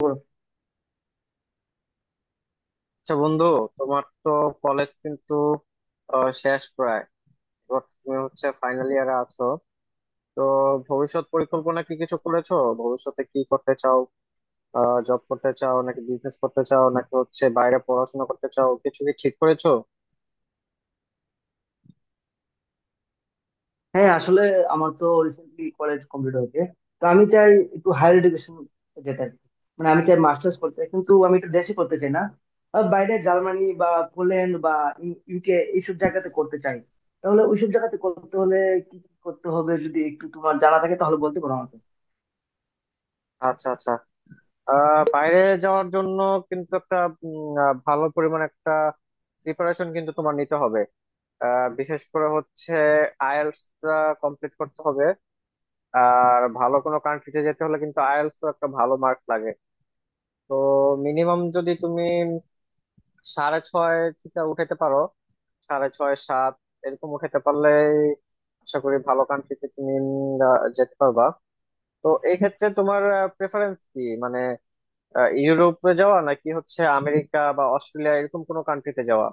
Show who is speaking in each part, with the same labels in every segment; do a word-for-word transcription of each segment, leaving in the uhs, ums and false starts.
Speaker 1: বলো।
Speaker 2: আচ্ছা বন্ধু, তোমার তো কলেজ কিন্তু আহ, শেষ প্রায়। এবার তুমি হচ্ছে ফাইনাল ইয়ারে আছো। তো ভবিষ্যৎ পরিকল্পনা কি কিছু করেছো? ভবিষ্যতে কি করতে চাও? জব করতে চাও নাকি বিজনেস করতে চাও নাকি হচ্ছে বাইরে পড়াশোনা করতে চাও? কিছু কি ঠিক করেছো?
Speaker 1: হ্যাঁ, আসলে আমার তো রিসেন্টলি কলেজ কমপ্লিট হয়েছে। তো আমি চাই একটু হায়ার এডুকেশন যেতে আর কি। মানে আমি চাই মাস্টার্স করতে চাই, কিন্তু আমি এটা দেশে করতে চাই না। আহ, বাইরে জার্মানি বা পোল্যান্ড বা ইউকে এইসব জায়গাতে করতে চাই। তাহলে ওইসব জায়গাতে করতে হলে কি কি করতে হবে, যদি একটু তোমার জানা থাকে তাহলে বলতে পারো আমাকে।
Speaker 2: আচ্ছা, আচ্ছা। আহ বাইরে যাওয়ার জন্য কিন্তু একটা উম, আহ, ভালো পরিমাণ একটা প্রিপারেশন কিন্তু তোমার নিতে হবে। আহ, বিশেষ করে হচ্ছে আইএলটিএস কমপ্লিট করতে হবে। আর ভালো কোনো কান্ট্রিতে যেতে হলে কিন্তু আইএলটিএস তো একটা ভালো মার্ক লাগে। তো মিনিমাম যদি তুমি সাড়ে ছয় থেকে উঠাতে পারো, সাড়ে ছয় সাত এরকম উঠাতে পারলে আশা করি ভালো কান্ট্রিতে তুমি উম, আহ, যেতে পারবা। তো এই ক্ষেত্রে তোমার প্রেফারেন্স কি, মানে আহ, ইউরোপে যাওয়া নাকি হচ্ছে আমেরিকা বা অস্ট্রেলিয়া এরকম কোনো কান্ট্রিতে যাওয়া?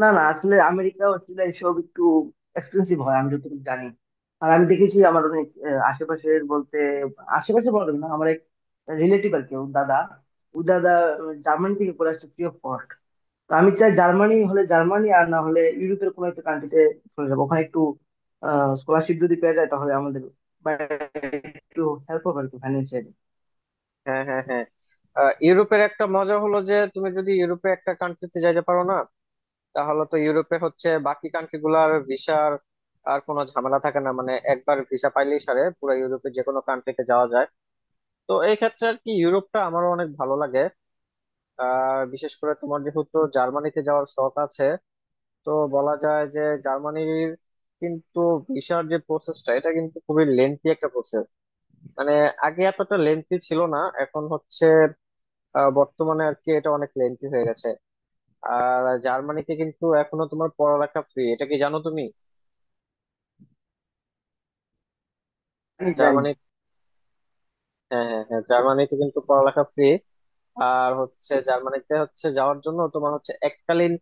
Speaker 1: না না, আসলে আমেরিকা অস্ট্রেলিয়া এসব একটু এক্সপেন্সিভ হয় আমি যতটুকু জানি। আর আমি দেখেছি আমার অনেক আহ, আশেপাশের বলতে, আশেপাশে বলা যাবে না, আমার এক রিলেটিভ আর কি, ওর দাদা, ও দাদা উম, জার্মানি থেকে পড়ে আসছে ফ্রি অফ কস্ট। তো আমি চাই জার্মানি হলে জার্মানি, আর না হলে ইউরোপের কোনো একটা কান্ট্রিতে চলে যাবো। ওখানে একটু স্কলারশিপ যদি পেয়ে যায় তাহলে আমাদের বা একটু হেল্প হবে আর কি, ফাইন্যান্সিয়ালি।
Speaker 2: হ্যাঁ, হ্যাঁ, হ্যাঁ। আহ, ইউরোপের একটা মজা হলো যে তুমি যদি ইউরোপে একটা কান্ট্রিতে যাইতে পারো না, তাহলে তো ইউরোপে হচ্ছে বাকি কান্ট্রি গুলার ভিসার আর কোনো ঝামেলা থাকে না। মানে একবার ভিসা পাইলেই সারে পুরো ইউরোপে যে কোনো কান্ট্রিতে যাওয়া যায়। তো এই ক্ষেত্রে আর কি ইউরোপটা আমারও অনেক ভালো লাগে। আর বিশেষ করে তোমার যেহেতু জার্মানিতে যাওয়ার শখ আছে, তো বলা যায় যে জার্মানির কিন্তু ভিসার যে প্রসেসটা, এটা কিন্তু খুবই লেন্থি একটা প্রসেস। মানে আগে এতটা লেন্থি ছিল না, এখন হচ্ছে, আহ, বর্তমানে আর কি এটা অনেক লেন্থি হয়ে গেছে। আর জার্মানিতে কিন্তু এখনো তোমার পড়ালেখা ফ্রি, এটা কি জানো তুমি?
Speaker 1: জানি জানি।
Speaker 2: জার্মানি। হ্যাঁ, হ্যাঁ, হ্যাঁ, জার্মানিতে কিন্তু পড়ালেখা ফ্রি। আর হচ্ছে জার্মানিতে হচ্ছে যাওয়ার জন্য তোমার হচ্ছে এককালীন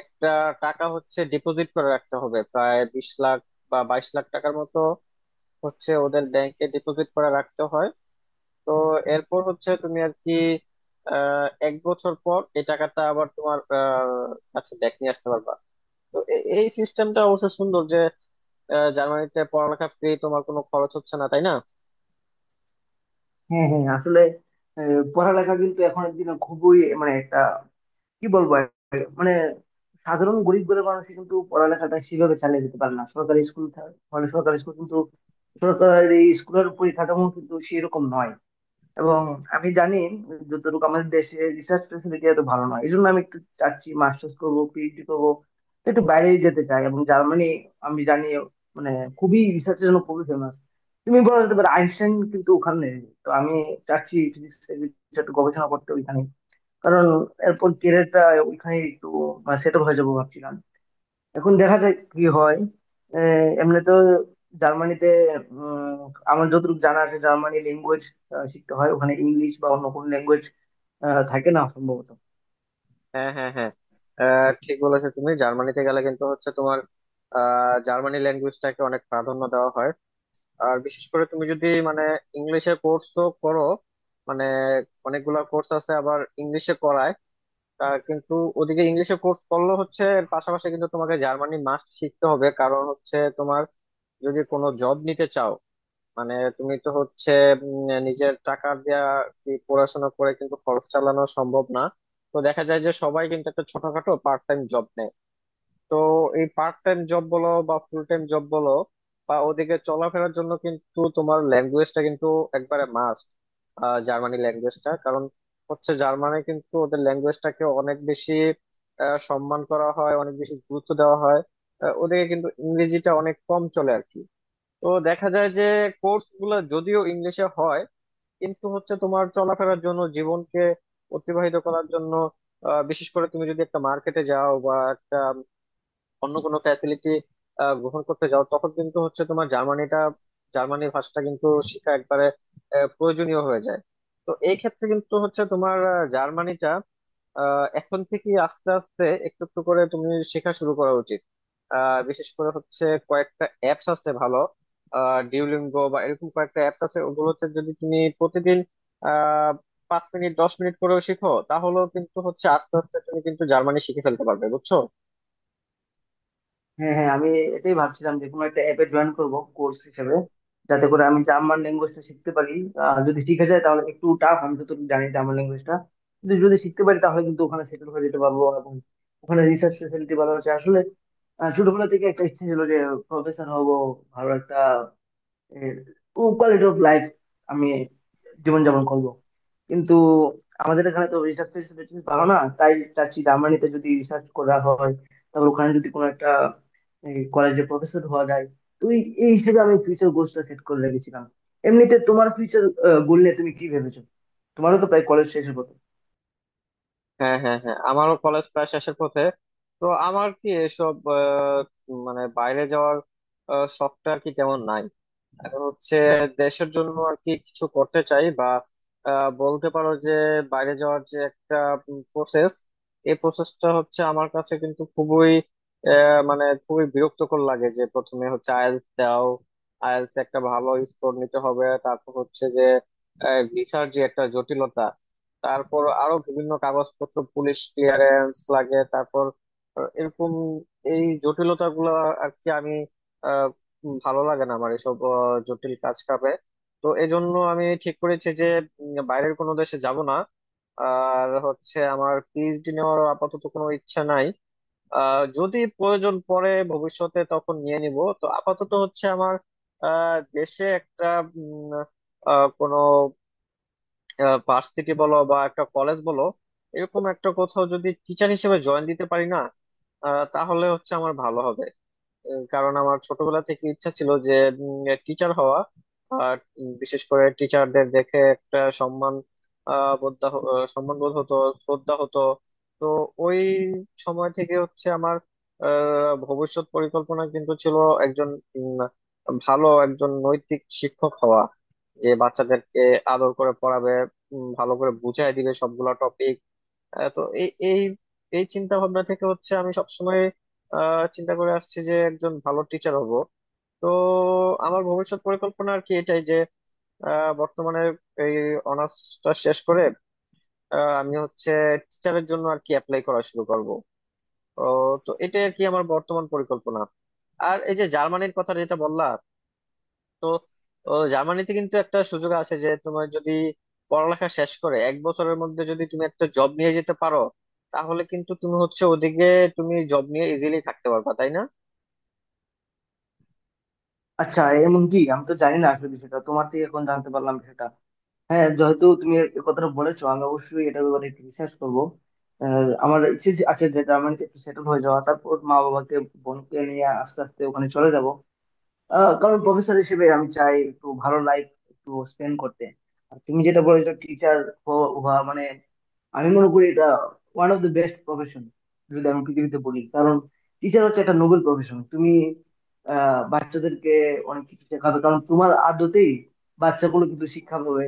Speaker 2: একটা টাকা হচ্ছে ডিপোজিট করে রাখতে হবে, প্রায় বিশ লাখ বা বাইশ লাখ টাকার মতো হচ্ছে ওদের ব্যাংকে ডিপোজিট করে রাখতে হয়। তো এরপর হচ্ছে তুমি আর কি আহ এক বছর পর এই টাকাটা আবার তোমার আহ কাছে ব্যাক নিয়ে আসতে পারবা। তো এ- এই সিস্টেমটা অবশ্য সুন্দর যে আহ, জার্মানিতে পড়ালেখা ফ্রি, তোমার কোনো খরচ হচ্ছে না, তাই না?
Speaker 1: হ্যাঁ হ্যাঁ, আসলে আহ, পড়ালেখা কিন্তু এখন একদিন খুবই, মানে একটা কি বলবো আর, মানে সাধারণ গরিব ঘরের মানুষ কিন্তু পড়ালেখাটা সেভাবে চালিয়ে যেতে পারে না। সরকারি স্কুল থা- মানে সরকারি স্কুল কিন্তু, সরকারি স্কুলের পরিকাঠামো কিন্তু সেরকম নয়। এবং আমি জানি যতটুকু আমাদের দেশে রিসার্চ ফেসিলিটি এত ভালো নয়, এই জন্য আমি একটু চাচ্ছি মাস্টার্স করবো, পিএইচডি করবো। একটু বাইরে যেতে চাই, এবং জার্মানি আমি জানি মানে খুবই রিসার্চের জন্য খুবই ফেমাস। তুমি বলা যেতে পারো আইনস্টাইন কিন্তু ওখানে। তো আমি চাচ্ছি physics এর কিছু একটা গবেষণা করতে ওইখানে, কারণ এরপর ক্যারিয়ারটা ওইখানে একটু সেট হয়ে যাবো ভাবছিলাম। এখন দেখা যাক কি হয়। আহ, এমনি তো জার্মানিতে উম, আমার যতটুকু জানা আছে জার্মানি ল্যাঙ্গুয়েজ শিখতে হয় ওখানে, ইংলিশ বা অন্য কোনো ল্যাঙ্গুয়েজ থাকে না সম্ভবত।
Speaker 2: হ্যাঁ, হ্যাঁ, হ্যাঁ, আহ, ঠিক বলেছো তুমি। জার্মানিতে গেলে কিন্তু হচ্ছে তোমার আহ, জার্মানি ল্যাঙ্গুয়েজটাকে অনেক প্রাধান্য দেওয়া হয়। আর বিশেষ করে তুমি যদি মানে ইংলিশে কোর্সও করো, মানে অনেকগুলা কোর্স আছে আবার ইংলিশে করায়, তার কিন্তু ওদিকে ইংলিশে কোর্স করলে হচ্ছে এর পাশাপাশি কিন্তু তোমাকে জার্মানি মাস্ট শিখতে হবে, কারণ হচ্ছে তোমার যদি কোনো জব নিতে চাও, মানে তুমি তো হচ্ছে উম, নিজের টাকা দিয়া কি পড়াশোনা করে কিন্তু খরচ চালানো সম্ভব না। তো দেখা যায় যে সবাই কিন্তু একটা ছোটখাটো পার্ট টাইম জব নেয়। তো এই পার্ট টাইম জব বলো বা ফুল টাইম জব বলো বা ওদিকে চলাফেরার জন্য কিন্তু তোমার ল্যাঙ্গুয়েজটা কিন্তু একবারে মাস্ট, জার্মানি ল্যাঙ্গুয়েজটা। কারণ হচ্ছে জার্মানি কিন্তু ওদের ল্যাঙ্গুয়েজটাকে অনেক বেশি আহ, সম্মান করা হয়, অনেক বেশি গুরুত্ব দেওয়া হয়। আহ, ওদিকে কিন্তু ইংরেজিটা অনেক কম চলে আর কি। তো দেখা যায় যে কোর্স গুলো যদিও ইংলিশে হয়, কিন্তু হচ্ছে তোমার চলাফেরার জন্য, জীবনকে অতিবাহিত করার জন্য, আহ, বিশেষ করে তুমি যদি একটা মার্কেটে যাও বা একটা অন্য কোনো ফ্যাসিলিটি গ্রহণ করতে যাও, তখন কিন্তু হচ্ছে তোমার জার্মানিটা, জার্মানি ভাষাটা কিন্তু শেখা একবারে আহ, প্রয়োজনীয় হয়ে যায়। তো এই ক্ষেত্রে কিন্তু হচ্ছে তোমার আহ, জার্মানিটা আহ, এখন থেকে আস্তে আস্তে একটু একটু করে তুমি শেখা শুরু করা উচিত। আহ, বিশেষ করে হচ্ছে কয়েকটা অ্যাপস আছে ভালো, ডিউলিঙ্গো বা এরকম কয়েকটা অ্যাপস আছে। ওগুলোতে যদি তুমি প্রতিদিন আহ পাঁচ মিনিট দশ মিনিট করেও শিখো, তাহলেও কিন্তু হচ্ছে আস্তে আস্তে তুমি কিন্তু জার্মানি শিখে ফেলতে পারবে, বুঝছো?
Speaker 1: হ্যাঁ হ্যাঁ, আমি এটাই ভাবছিলাম যে কোনো একটা অ্যাপে জয়েন করব কোর্স হিসেবে, যাতে করে আমি জার্মান ল্যাঙ্গুয়েজটা শিখতে পারি। আর যদি শিখে যায় তাহলে, একটু টাফ আমি তো জানি জার্মান ল্যাঙ্গুয়েজটা, কিন্তু যদি শিখতে পারি তাহলে কিন্তু ওখানে সেটেল হয়ে যেতে পারবো। এবং ওখানে রিসার্চ ফেসিলিটি ভালো আছে আসলে। আহ, ছোটবেলা থেকে একটা ইচ্ছে ছিল যে প্রফেসর হব, ভালো একটা কোয়ালিটি অফ লাইফ আমি জীবনযাপন করব। কিন্তু আমাদের এখানে তো রিসার্চ ফেসিলিটি ভালো না, তাই চাচ্ছি জার্মানিতে যদি রিসার্চ করা হয়, তারপর ওখানে যদি কোনো একটা কলেজে প্রফেসর হওয়া যায়, তুই এই হিসেবে আমি ফিউচার গোলসটা সেট করে রেখেছিলাম। এমনিতে তোমার ফিউচার গোল নিয়ে তুমি কি ভেবেছো? তোমারও তো প্রায় কলেজ শেষের কথা।
Speaker 2: হ্যাঁ, হ্যাঁ, হ্যাঁ, আমারও কলেজ প্রায় শেষের পথে। তো আমার কি এসব, আহ, মানে বাইরে যাওয়ার আহ, শখটা আর কি তেমন নাই। আর হচ্ছে দেশের জন্য আর কি কিছু করতে চাই। বা আহ, বলতে পারো যে বাইরে যাওয়ার যে একটা প্রসেস, এই প্রসেসটা হচ্ছে আমার কাছে কিন্তু খুবই, আহ, মানে খুবই বিরক্তকর লাগে। যে প্রথমে হচ্ছে আইএলটিএস দাও, আইএলটিএস একটা ভালো স্কোর নিতে হবে, তারপর হচ্ছে যে ভিসার যে একটা জটিলতা, তারপর আরো বিভিন্ন কাগজপত্র, পুলিশ ক্লিয়ারেন্স লাগে, তারপর আহ, এরকম এই জটিলতা গুলো আর কি আমি, উম ভালো লাগে না আমার এসব আহ, জটিল কাজ কাপে। তো এজন্য আমি ঠিক করেছি যে উম, বাইরের কোনো দেশে যাব না। আর হচ্ছে আমার পিএইচডি নেওয়ার আপাতত কোনো ইচ্ছা নাই। আহ যদি প্রয়োজন পড়ে ভবিষ্যতে তখন নিয়ে নিব। তো আপাতত হচ্ছে আমার আহ দেশে একটা উম, আহ, কোনো ভার্সিটি বলো বা একটা কলেজ বলো, এরকম একটা কোথাও যদি টিচার হিসেবে জয়েন দিতে পারি না, আহ তাহলে হচ্ছে আমার ভালো হবে। আহ, কারণ আমার ছোটবেলা থেকে ইচ্ছা ছিল যে টিচার হওয়া। আর উম, বিশেষ করে টিচারদের দেখে একটা সম্মান আহ বোধ, দাহ- আহ, সম্মান বোধ হতো, শ্রদ্ধা হতো। তো ওই সময় থেকে হচ্ছে আমার আহ, ভবিষ্যৎ পরিকল্পনা কিন্তু ছিল একজন, উম, ভালো একজন নৈতিক শিক্ষক হওয়া, যে বাচ্চাদেরকে আদর করে পড়াবে, উম, ভালো করে বুঝাই দিবে সবগুলা টপিক। আহ, তো এই এই এই চিন্তা ভাবনা থেকে হচ্ছে আমি সবসময় আহ, চিন্তা করে আসছি যে একজন ভালো টিচার হব। তো আমার ভবিষ্যৎ পরিকল্পনা আর কি এটাই যে আহ, বর্তমানে এই অনার্সটা শেষ করে আহ, আমি হচ্ছে টিচারের জন্য আর কি অ্যাপ্লাই করা শুরু করব। তো এটাই আর কি আমার বর্তমান পরিকল্পনা। আর এই যে জার্মানির কথা যেটা বললা, তো ও, জার্মানিতে কিন্তু একটা সুযোগ আছে যে তোমার যদি পড়ালেখা শেষ করে এক বছরের মধ্যে যদি তুমি একটা জব নিয়ে যেতে পারো, তাহলে কিন্তু তুমি হচ্ছে ওদিকে তুমি জব নিয়ে ইজিলি থাকতে পারবা, তাই না?
Speaker 1: আচ্ছা, এমন কি আমি তো জানি না আসলে বিষয়টা, তোমার থেকে এখন জানতে পারলাম সেটা। হ্যাঁ, যেহেতু তুমি এই কথাটা বলেছো আমি অবশ্যই এটার ব্যাপারে একটু রিসার্চ করবো। আহ, আমার ইচ্ছে যে- আছে যে জার্মানিতে একটু সেটেল হয়ে যাওয়া, তারপর মা বাবাকে, বোনকে নিয়ে আস্তে আস্তে ওখানে চলে যাব। আহ, কারণ প্রফেসর হিসেবে আমি চাই একটু ভালো লাইফ একটু স্পেন্ড করতে। আর তুমি যেটা বলেছো টিচার হওয়া, মানে আমি মনে করি এটা one of the best profession যদি আমি পৃথিবীতে বলি। কারণ টিচার হচ্ছে একটা নোবেল প্রফেশন। তুমি আহ, বাচ্চাদেরকে অনেক কিছু শেখাবে, কারণ তোমার আদতেই বাচ্চাগুলো কিন্তু শিক্ষা পাবে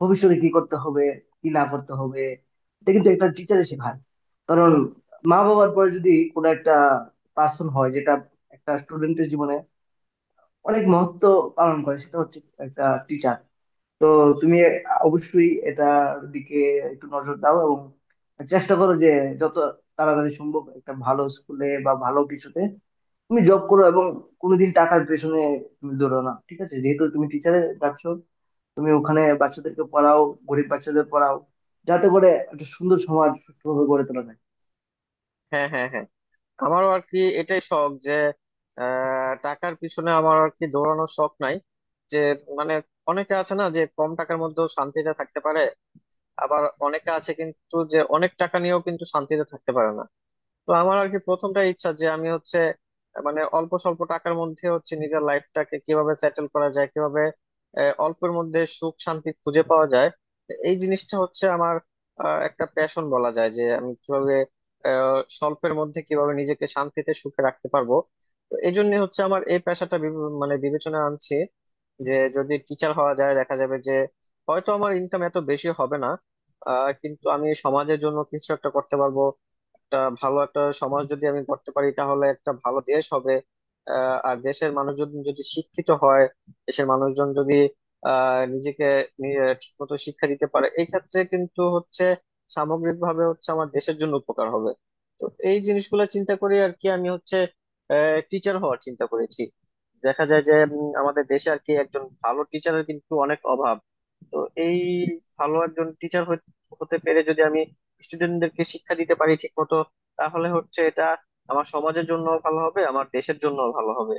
Speaker 1: ভবিষ্যতে কি করতে হবে, কি না করতে হবে। এটা কিন্তু একটা টিচারে শেখায়। কারণ মা বাবার পরে যদি কোনো একটা পার্সন হয় যেটা একটা স্টুডেন্টের জীবনে অনেক মহত্ব পালন করে, সেটা হচ্ছে একটা টিচার। তো তুমি অবশ্যই এটার দিকে একটু নজর দাও, এবং চেষ্টা করো যে যত তাড়াতাড়ি সম্ভব একটা ভালো স্কুলে বা ভালো কিছুতে তুমি জব করো। এবং কোনোদিন টাকার পেছনে তুমি দৌড়ো না, ঠিক আছে? যেহেতু তুমি টিচারে যাচ্ছ, তুমি ওখানে বাচ্চাদেরকে পড়াও, গরিব বাচ্চাদের পড়াও, যাতে করে একটা সুন্দর সমাজ সুস্থভাবে গড়ে তোলা যায়।
Speaker 2: হ্যাঁ, হ্যাঁ, হ্যাঁ, আমারও আর কি এটাই শখ যে আহ, টাকার পিছনে আমার আর কি দৌড়ানোর শখ নাই। যে, মানে, অনেকে আছে না যে কম টাকার মধ্যেও শান্তিতে থাকতে পারে, আবার অনেকে আছে কিন্তু যে অনেক টাকা নিয়েও কিন্তু শান্তিতে থাকতে পারে না। তো আমার আর কি প্রথমটা ইচ্ছা যে আমি হচ্ছে আহ, মানে অল্প স্বল্প টাকার মধ্যে হচ্ছে নিজের লাইফটাকে কিভাবে সেটেল করা যায়, কিভাবে আহ, অল্পের মধ্যে সুখ শান্তি খুঁজে পাওয়া যায়। এই জিনিসটা হচ্ছে আমার আহ, একটা প্যাশন বলা যায়, যে আমি কিভাবে আহ, স্বল্পের মধ্যে কিভাবে নিজেকে শান্তিতে সুখে রাখতে পারবো। তো এই জন্য হচ্ছে আমার এই পেশাটা বিবে- মানে বিবেচনা আনছি যে যদি টিচার হওয়া যায়, দেখা যাবে যে হয়তো আমার ইনকাম এত বেশি হবে না, আহ, কিন্তু আমি সমাজের জন্য কিছু একটা করতে পারবো। একটা ভালো একটা সমাজ যদি আমি করতে পারি তাহলে একটা ভালো দেশ হবে। আহ, আর দেশের মানুষজন যদি শিক্ষিত হয়, দেশের মানুষজন যদি আহ নিজেকে ঠিক মতো শিক্ষা দিতে পারে, এই ক্ষেত্রে কিন্তু হচ্ছে সামগ্রিকভাবে হচ্ছে আমার দেশের জন্য উপকার হবে। তো এই জিনিসগুলো চিন্তা করে আর কি আমি হচ্ছে টিচার হওয়ার চিন্তা করেছি। দেখা যায় যে উম, আমাদের দেশে আর কি একজন ভালো টিচারের কিন্তু অনেক অভাব। তো এই ভালো একজন টিচার হতে পেরে যদি আমি স্টুডেন্টদেরকে শিক্ষা দিতে পারি ঠিক মতো, তাহলে হচ্ছে এটা আমার সমাজের জন্য ভালো হবে, আমার দেশের জন্য ভালো হবে।